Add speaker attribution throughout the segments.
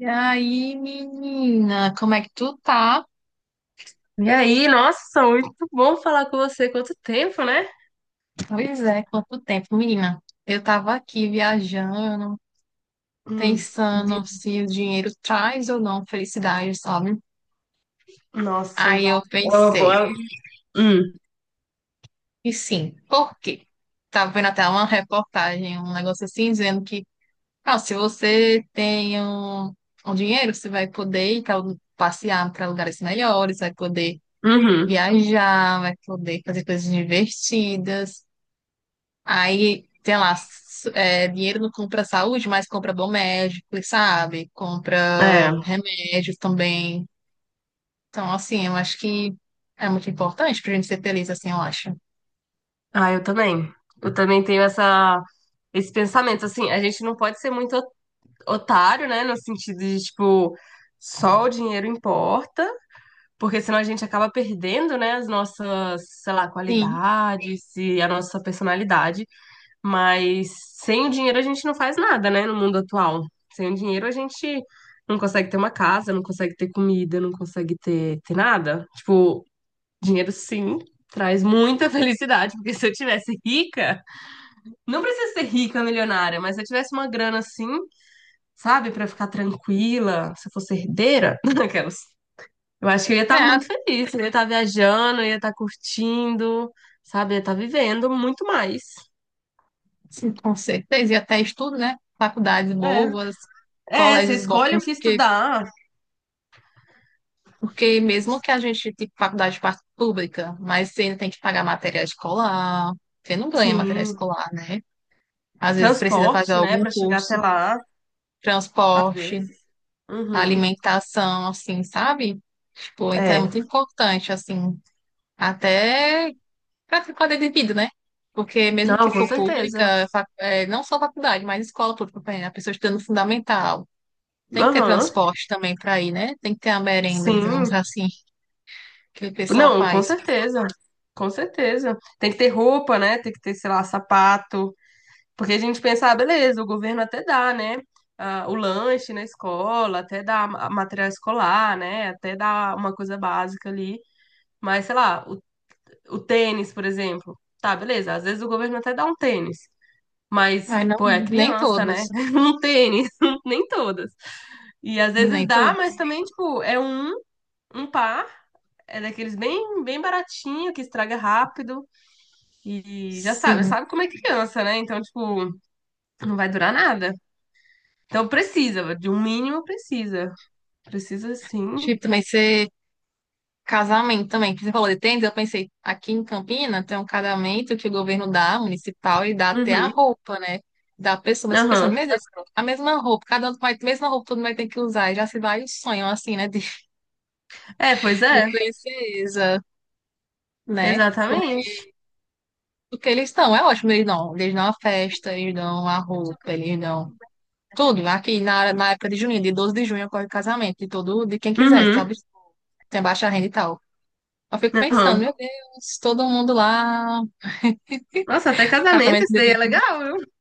Speaker 1: E aí, menina, como é que tu tá?
Speaker 2: E aí, nossa, muito bom falar com você. Quanto tempo, né?
Speaker 1: Pois é, quanto tempo, menina? Eu tava aqui viajando,
Speaker 2: Hum, vi-
Speaker 1: pensando se o dinheiro traz ou não felicidade, sabe?
Speaker 2: nossa.
Speaker 1: Aí eu
Speaker 2: Ó,
Speaker 1: pensei,
Speaker 2: boa- Hum,
Speaker 1: e sim, por quê? Tava vendo até uma reportagem, um negócio assim, dizendo que, ah, se você tem um, um dinheiro, você vai poder ir pra, passear para lugares melhores, vai poder
Speaker 2: uhum,
Speaker 1: viajar, vai poder fazer coisas divertidas. Aí, tem lá, s- é, dinheiro não compra saúde, mas compra bom médico, sabe?
Speaker 2: é.
Speaker 1: Compra remédios também. Então, assim, eu acho que é muito importante pra gente ser feliz, assim, eu acho.
Speaker 2: Ah, eu também. Eu também tenho esse pensamento, assim, a gente não pode ser muito otário, né? No sentido de, tipo, só o dinheiro importa, porque senão a gente acaba perdendo, né, as nossas, sei lá,
Speaker 1: Sim,
Speaker 2: qualidades e a nossa personalidade. Mas sem o dinheiro a gente não faz nada, né, no mundo atual. Sem o dinheiro a gente não consegue ter uma casa, não consegue ter comida, não consegue ter nada. Tipo, dinheiro sim traz muita felicidade, porque se eu tivesse rica, não precisa ser rica, milionária, mas se eu tivesse uma grana assim, sabe, pra ficar tranquila, se eu fosse herdeira, aquelas. Eu acho que eu ia estar
Speaker 1: é,
Speaker 2: muito feliz, eu ia estar viajando, eu ia estar curtindo, sabe, eu ia estar vivendo muito mais.
Speaker 1: sim, com certeza. E até estudo, né? Faculdades boas,
Speaker 2: É, é, você
Speaker 1: colégios
Speaker 2: escolhe o
Speaker 1: bons,
Speaker 2: que
Speaker 1: porque,
Speaker 2: estudar.
Speaker 1: porque
Speaker 2: Tipo,
Speaker 1: mesmo que a gente tenha faculdade par- pública, mas você ainda tem que pagar material escolar, você não ganha material
Speaker 2: sim,
Speaker 1: escolar, né? Às vezes precisa fazer
Speaker 2: transporte, né,
Speaker 1: algum
Speaker 2: pra chegar até
Speaker 1: curso,
Speaker 2: lá, às
Speaker 1: transporte.
Speaker 2: vezes.
Speaker 1: A
Speaker 2: Uhum.
Speaker 1: alimentação, assim, sabe? Tipo, então é
Speaker 2: É.
Speaker 1: muito importante, assim, até para qualidade de vida, né? Porque mesmo que
Speaker 2: Não, com
Speaker 1: for
Speaker 2: certeza.
Speaker 1: pública, fa- é, não só faculdade, mas escola pública, por exemplo, a pessoa estudando fundamental. Tem que ter
Speaker 2: Aham.
Speaker 1: transporte também para ir, né? Tem que ter a merenda, digamos
Speaker 2: Sim.
Speaker 1: assim, que o pessoal
Speaker 2: Não, com
Speaker 1: faz.
Speaker 2: certeza. Com certeza. Tem que ter roupa, né? Tem que ter, sei lá, sapato. Porque a gente pensa, ah, beleza, o governo até dá, né? Ah, o lanche na escola, até dá material escolar, né? Até dá uma coisa básica ali. Mas, sei lá, o tênis, por exemplo. Tá, beleza. Às vezes o governo até dá um tênis. Mas,
Speaker 1: Mas não,
Speaker 2: pô, é
Speaker 1: nem
Speaker 2: criança, né?
Speaker 1: todos,
Speaker 2: Um tênis, nem todas. E às vezes
Speaker 1: nem
Speaker 2: dá, mas
Speaker 1: todos.
Speaker 2: também, tipo, é um par, é daqueles bem, bem baratinho, que estraga rápido. E já sabe,
Speaker 1: Sim.
Speaker 2: sabe como é criança, né? Então, tipo, não vai durar nada. Então precisa, de um mínimo precisa. Precisa sim.
Speaker 1: Tipo, também você casamento também, que você falou de tenda, eu pensei, aqui em Campina tem um casamento que o governo dá, municipal, e dá até a
Speaker 2: Uhum.
Speaker 1: roupa, né? Da pessoa, mas eu fico
Speaker 2: Aham.
Speaker 1: pensando, meu Deus, a mesma roupa, cada um vai, mesma roupa, todo mundo vai ter que usar, e já se vai o sonho, assim, né,
Speaker 2: É, pois
Speaker 1: de
Speaker 2: é,
Speaker 1: princesa, né? Porque
Speaker 2: exatamente.
Speaker 1: o que eles estão é ótimo, eles dão a festa, eles dão a roupa, eles dão tudo. Aqui na, hora- na época de junho, de 12 de junho, ocorre o casamento, de todo, de quem quiser, sabe?
Speaker 2: Uhum.
Speaker 1: Tem baixa renda e tal. Eu fico pensando,
Speaker 2: Aham.
Speaker 1: meu Deus, todo mundo lá.
Speaker 2: Nossa, até casamento
Speaker 1: Casamento
Speaker 2: esse
Speaker 1: de
Speaker 2: daí é
Speaker 1: bebê,
Speaker 2: legal, viu?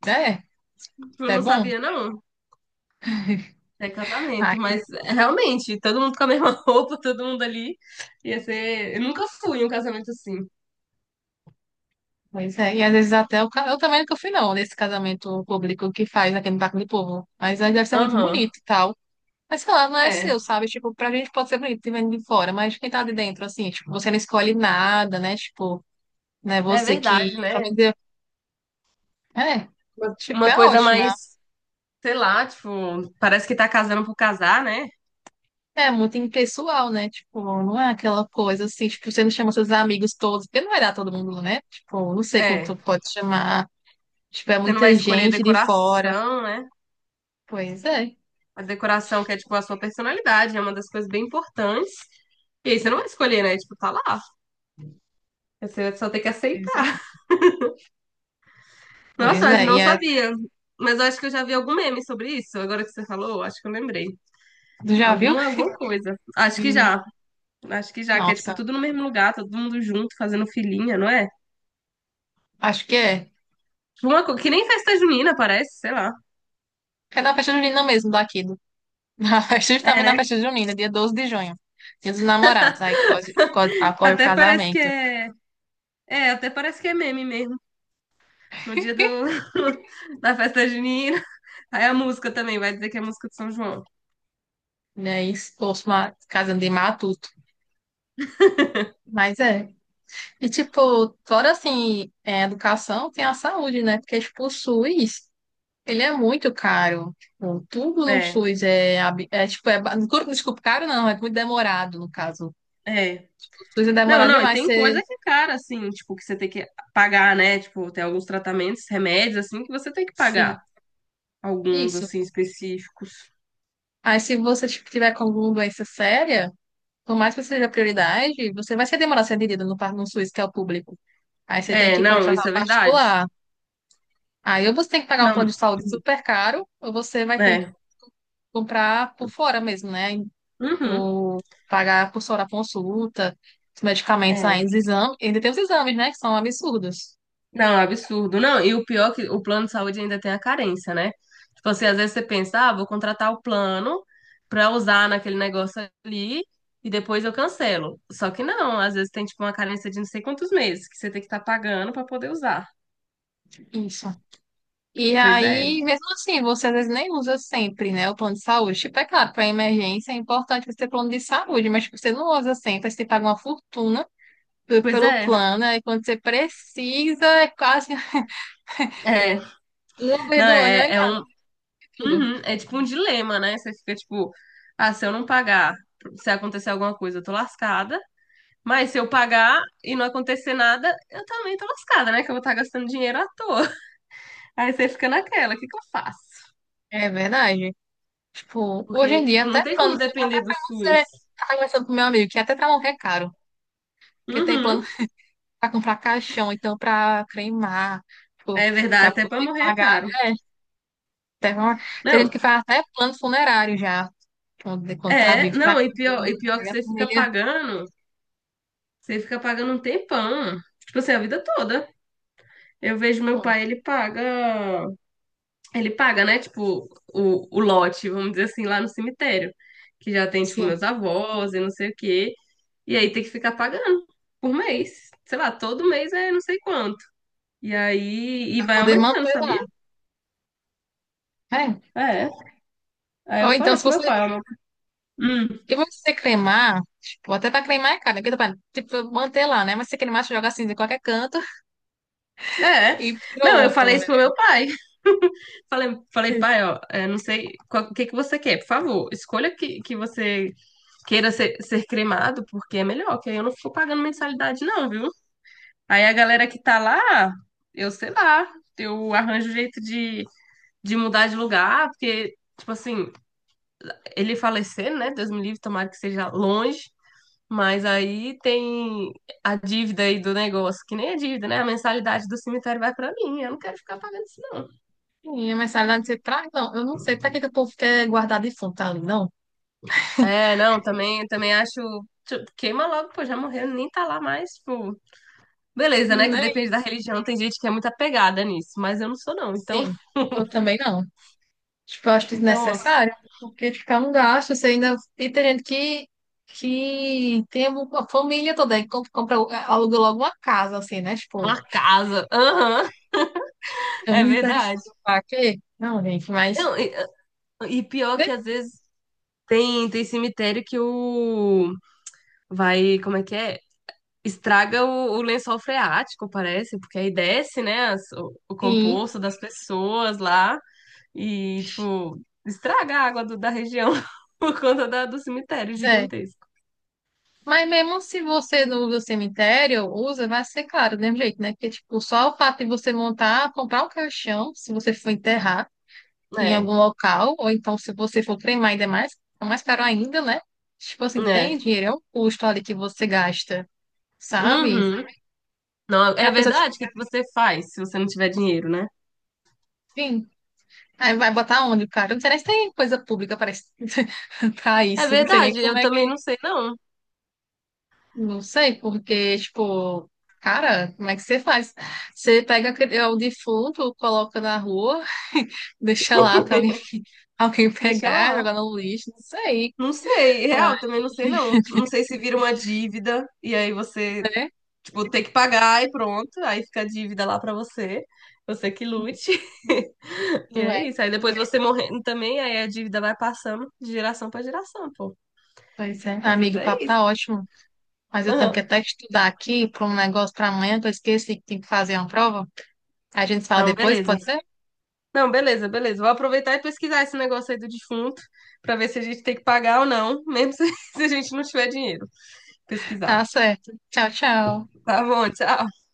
Speaker 1: né?
Speaker 2: Tipo, eu
Speaker 1: É
Speaker 2: não
Speaker 1: bom?
Speaker 2: sabia, não. É
Speaker 1: Ah,
Speaker 2: casamento,
Speaker 1: que
Speaker 2: mas é, realmente, todo mundo com a mesma roupa, todo mundo ali. Ia ser. Eu nunca fui em um casamento assim.
Speaker 1: pois é. E às vezes até o... ca- eu também nunca fui, não, nesse casamento público que faz aqui no Parque do Povo. Mas aí deve ser muito
Speaker 2: Aham.
Speaker 1: bonito e tal. Mas sei lá, não é seu,
Speaker 2: É,
Speaker 1: sabe? Tipo, pra gente pode ser bonito, vendo de fora, mas quem tá de dentro, assim, tipo, você não escolhe nada, né? Tipo, né?
Speaker 2: é
Speaker 1: Você
Speaker 2: verdade,
Speaker 1: que. Pelo
Speaker 2: né?
Speaker 1: menos eu- é.
Speaker 2: Uma
Speaker 1: Tipo,
Speaker 2: uma
Speaker 1: é
Speaker 2: coisa
Speaker 1: ótima.
Speaker 2: mais, sei lá, tipo, parece que tá casando por casar, né?
Speaker 1: É muito impessoal, né? Tipo, não é aquela coisa assim, tipo, você não chama seus amigos todos, porque não vai dar todo mundo, né? Tipo, não sei
Speaker 2: É.
Speaker 1: quanto pode chamar. Tipo, é
Speaker 2: Você não vai
Speaker 1: muita
Speaker 2: escolher
Speaker 1: gente de fora.
Speaker 2: decoração, né?
Speaker 1: Pois é,
Speaker 2: A decoração que é, tipo, a sua personalidade, é uma das coisas bem importantes. E aí você não vai escolher, né? Tipo, tá lá. Você só tem que
Speaker 1: pois é.
Speaker 2: aceitar.
Speaker 1: Pois
Speaker 2: Nossa, mas
Speaker 1: é, e
Speaker 2: não
Speaker 1: é...
Speaker 2: sabia. Mas eu acho que eu já vi algum meme sobre isso. Agora que você falou, acho que eu lembrei.
Speaker 1: Tu já viu?
Speaker 2: Alguma coisa. Acho que
Speaker 1: Hum.
Speaker 2: já. Acho que já, que é tipo
Speaker 1: Nossa,
Speaker 2: tudo no mesmo lugar, todo mundo junto, fazendo filinha, não é?
Speaker 1: acho que é.
Speaker 2: Tipo, que nem festa junina, parece, sei lá.
Speaker 1: É na festa junina mesmo daqui. Do... Na festa,
Speaker 2: É,
Speaker 1: justamente na
Speaker 2: né?
Speaker 1: festa junina, dia 12 de junho. Dia dos namorados. Aí quase- quase acolhe o
Speaker 2: Até parece que
Speaker 1: casamento.
Speaker 2: é. É, até parece que é meme mesmo. No dia do... da festa junina. Aí a música também, vai dizer que é a música de São João.
Speaker 1: Né? E expôs uma casando de matuto. Mas é. E tipo, fora assim, é, educação, tem a saúde, né? Porque expulsou isso. Ele é muito caro. Tipo, tudo no
Speaker 2: É,
Speaker 1: SUS é, ab- é tipo, é, ba- desculpa, caro não, é muito demorado no caso.
Speaker 2: é.
Speaker 1: O SUS é
Speaker 2: Não,
Speaker 1: demorado
Speaker 2: não, e
Speaker 1: demais,
Speaker 2: tem
Speaker 1: você,
Speaker 2: coisa que, é cara, assim, tipo, que você tem que pagar, né? Tipo, tem alguns tratamentos, remédios, assim, que você tem que
Speaker 1: sim,
Speaker 2: pagar. Alguns,
Speaker 1: isso.
Speaker 2: assim, específicos.
Speaker 1: Aí se você tipo, tiver com alguma doença séria, por mais que seja prioridade, você vai se demorar a ser atendido no, par- no SUS, que é o público. Aí você tem
Speaker 2: É,
Speaker 1: que
Speaker 2: não,
Speaker 1: contratar
Speaker 2: isso
Speaker 1: um
Speaker 2: é verdade.
Speaker 1: particular. Aí ou você tem que pagar um plano
Speaker 2: Não,
Speaker 1: de saúde super caro, ou você vai ter que
Speaker 2: é.
Speaker 1: comprar por fora mesmo, né?
Speaker 2: Uhum.
Speaker 1: Do pagar por fora a consulta, os medicamentos ainda,
Speaker 2: É.
Speaker 1: os exames, ainda tem os exames, né, que são absurdos.
Speaker 2: Não, é absurdo. Não, e o pior é que o plano de saúde ainda tem a carência, né? Tipo assim, às vezes você pensa, ah, vou contratar o plano pra usar naquele negócio ali e depois eu cancelo. Só que não, às vezes tem tipo uma carência de não sei quantos meses que você tem que estar pagando pra poder usar.
Speaker 1: Isso. E
Speaker 2: Pois é.
Speaker 1: aí, mesmo assim, você às vezes nem usa sempre, né, o plano de saúde. Tipo, é claro, para emergência é importante você ter plano de saúde, mas tipo, você não usa sempre, aí você paga uma fortuna pe-
Speaker 2: Pois
Speaker 1: pelo
Speaker 2: é.
Speaker 1: plano, aí quando você precisa, é quase
Speaker 2: É.
Speaker 1: uma
Speaker 2: Não,
Speaker 1: vez do ano,
Speaker 2: é,
Speaker 1: olha
Speaker 2: é
Speaker 1: lá,
Speaker 2: um.
Speaker 1: tudo.
Speaker 2: Uhum, é tipo um dilema, né? Você fica tipo, ah, se eu não pagar, se acontecer alguma coisa, eu tô lascada. Mas se eu pagar e não acontecer nada, eu também tô lascada, né? Que eu vou estar gastando dinheiro à toa. Aí você fica naquela, o que que eu faço?
Speaker 1: É verdade. Tipo, hoje
Speaker 2: Porque,
Speaker 1: em dia,
Speaker 2: tipo, não
Speaker 1: até
Speaker 2: tem
Speaker 1: plano,
Speaker 2: como
Speaker 1: de saúde,
Speaker 2: depender do SUS.
Speaker 1: você tá conversando com meu amigo, que até pra morrer é caro. Porque tem plano
Speaker 2: Uhum.
Speaker 1: para comprar caixão, então para cremar,
Speaker 2: É verdade,
Speaker 1: para
Speaker 2: até pra
Speaker 1: poder
Speaker 2: morrer é
Speaker 1: pagar.
Speaker 2: caro.
Speaker 1: É, tem, uma- tem gente
Speaker 2: Não,
Speaker 1: que faz até plano funerário já, quando, quando tá
Speaker 2: é,
Speaker 1: vivo, para
Speaker 2: não,
Speaker 1: quando
Speaker 2: e pior que
Speaker 1: morrer a família.
Speaker 2: você fica pagando um tempão. Tipo assim, a vida toda. Eu vejo meu
Speaker 1: Hum,
Speaker 2: pai, ele paga. Ele paga, né? Tipo, o lote, vamos dizer assim, lá no cemitério. Que já tem, tipo,
Speaker 1: sim,
Speaker 2: meus avós e não sei o quê. E aí tem que ficar pagando por mês. Sei lá, todo mês é não sei quanto. E aí, e
Speaker 1: para
Speaker 2: vai
Speaker 1: poder
Speaker 2: aumentando,
Speaker 1: manter
Speaker 2: sabia?
Speaker 1: lá. É.
Speaker 2: É. Aí eu
Speaker 1: Ou então,
Speaker 2: falei
Speaker 1: se
Speaker 2: pro meu
Speaker 1: você.
Speaker 2: pai, hum,
Speaker 1: E você cremar, tipo, até para cremar é caro, né? Porque, tipo, manter lá, né? Mas se cremar, você joga cinza em qualquer canto
Speaker 2: é.
Speaker 1: e
Speaker 2: Não, eu
Speaker 1: pronto,
Speaker 2: falei
Speaker 1: né?
Speaker 2: isso pro meu pai. Falei, pai, ó, é, não sei o que que você quer, por favor. Escolha que você queira ser, ser cremado, porque é melhor, que aí eu não fico pagando mensalidade, não, viu? Aí a galera que tá lá, eu sei lá, eu arranjo jeito de mudar de lugar, porque, tipo assim, ele falecer, né? Deus me livre, tomara que seja longe. Mas aí tem a dívida aí do negócio, que nem a dívida, né? A mensalidade do cemitério vai pra mim, eu não quero ficar pagando isso, não.
Speaker 1: Sim, mas sabe lá, não sei pra, não, eu não sei para que que o povo quer guardar defunto ali, não.
Speaker 2: É, não, também, também acho. Tipo, queima logo, pô, já morreu, nem tá lá mais, tipo. Beleza, né? Que
Speaker 1: Nem,
Speaker 2: depende da religião, tem gente que é muito apegada nisso, mas eu não sou, não. Então,
Speaker 1: sim, eu também não. Tipo, eu acho
Speaker 2: então,
Speaker 1: desnecessário, porque ficar um gasto, você ainda e tem gente que tem a família toda, e compra, é, aluga logo uma casa, assim, né? Tipo,
Speaker 2: uma casa. Aham.
Speaker 1: é um
Speaker 2: É
Speaker 1: misericórdia
Speaker 2: verdade.
Speaker 1: pra quê? Não, gente, mas
Speaker 2: Não, e pior
Speaker 1: né,
Speaker 2: que às vezes tem, tem cemitério que o vai, como é que é? Estraga o lençol freático, parece, porque aí desce, né, o
Speaker 1: sim
Speaker 2: composto das pessoas lá e, tipo, estraga a água da região por conta do cemitério
Speaker 1: é.
Speaker 2: gigantesco.
Speaker 1: Mas mesmo se você não usa o cemitério, usa, vai ser claro, do mesmo jeito, né? Porque, tipo, só o fato de você montar, comprar um caixão, se você for enterrar. Em algum
Speaker 2: É,
Speaker 1: local, ou então se você for treinar ainda mais, é mais caro ainda, né? Tipo assim, tem
Speaker 2: é.
Speaker 1: dinheiro, é um custo ali que você gasta, sabe?
Speaker 2: Uhum. Não,
Speaker 1: E
Speaker 2: é
Speaker 1: a pessoa, tipo,
Speaker 2: verdade? O que que você faz se você não tiver dinheiro, né?
Speaker 1: enfim, aí vai botar onde, cara? Eu não sei nem se tem coisa pública para isso, pra
Speaker 2: É
Speaker 1: isso, não sei nem
Speaker 2: verdade,
Speaker 1: como
Speaker 2: eu
Speaker 1: é
Speaker 2: também
Speaker 1: que,
Speaker 2: não sei, não.
Speaker 1: não sei, porque, tipo, cara, como é que você faz? Você pega aquele- é, o defunto, coloca na rua, deixa lá pra alguém, alguém
Speaker 2: Deixa
Speaker 1: pegar,
Speaker 2: lá.
Speaker 1: jogar no lixo, não sei,
Speaker 2: Não sei,
Speaker 1: mas,
Speaker 2: real, também não sei não. Não sei se vira uma dívida e aí você,
Speaker 1: né?
Speaker 2: tipo, tem que pagar e pronto, aí fica a dívida lá pra você. Você que lute. E
Speaker 1: Não
Speaker 2: é
Speaker 1: é.
Speaker 2: isso. Aí depois você morrendo também, aí a dívida vai passando de geração pra geração, pô.
Speaker 1: Pois é.
Speaker 2: Às vezes
Speaker 1: Amigo, o papo
Speaker 2: é isso.
Speaker 1: tá ótimo, mas eu tenho
Speaker 2: Aham.
Speaker 1: que até estudar aqui para um negócio para amanhã, que eu esqueci que tem que fazer uma prova. A gente se fala
Speaker 2: Não,
Speaker 1: depois,
Speaker 2: beleza.
Speaker 1: pode ser?
Speaker 2: Não, beleza, beleza. Vou aproveitar e pesquisar esse negócio aí do defunto pra ver se a gente tem que pagar ou não, mesmo se a gente não tiver dinheiro.
Speaker 1: Tá
Speaker 2: Pesquisar.
Speaker 1: certo. Tchau, tchau.
Speaker 2: Tá bom, tchau.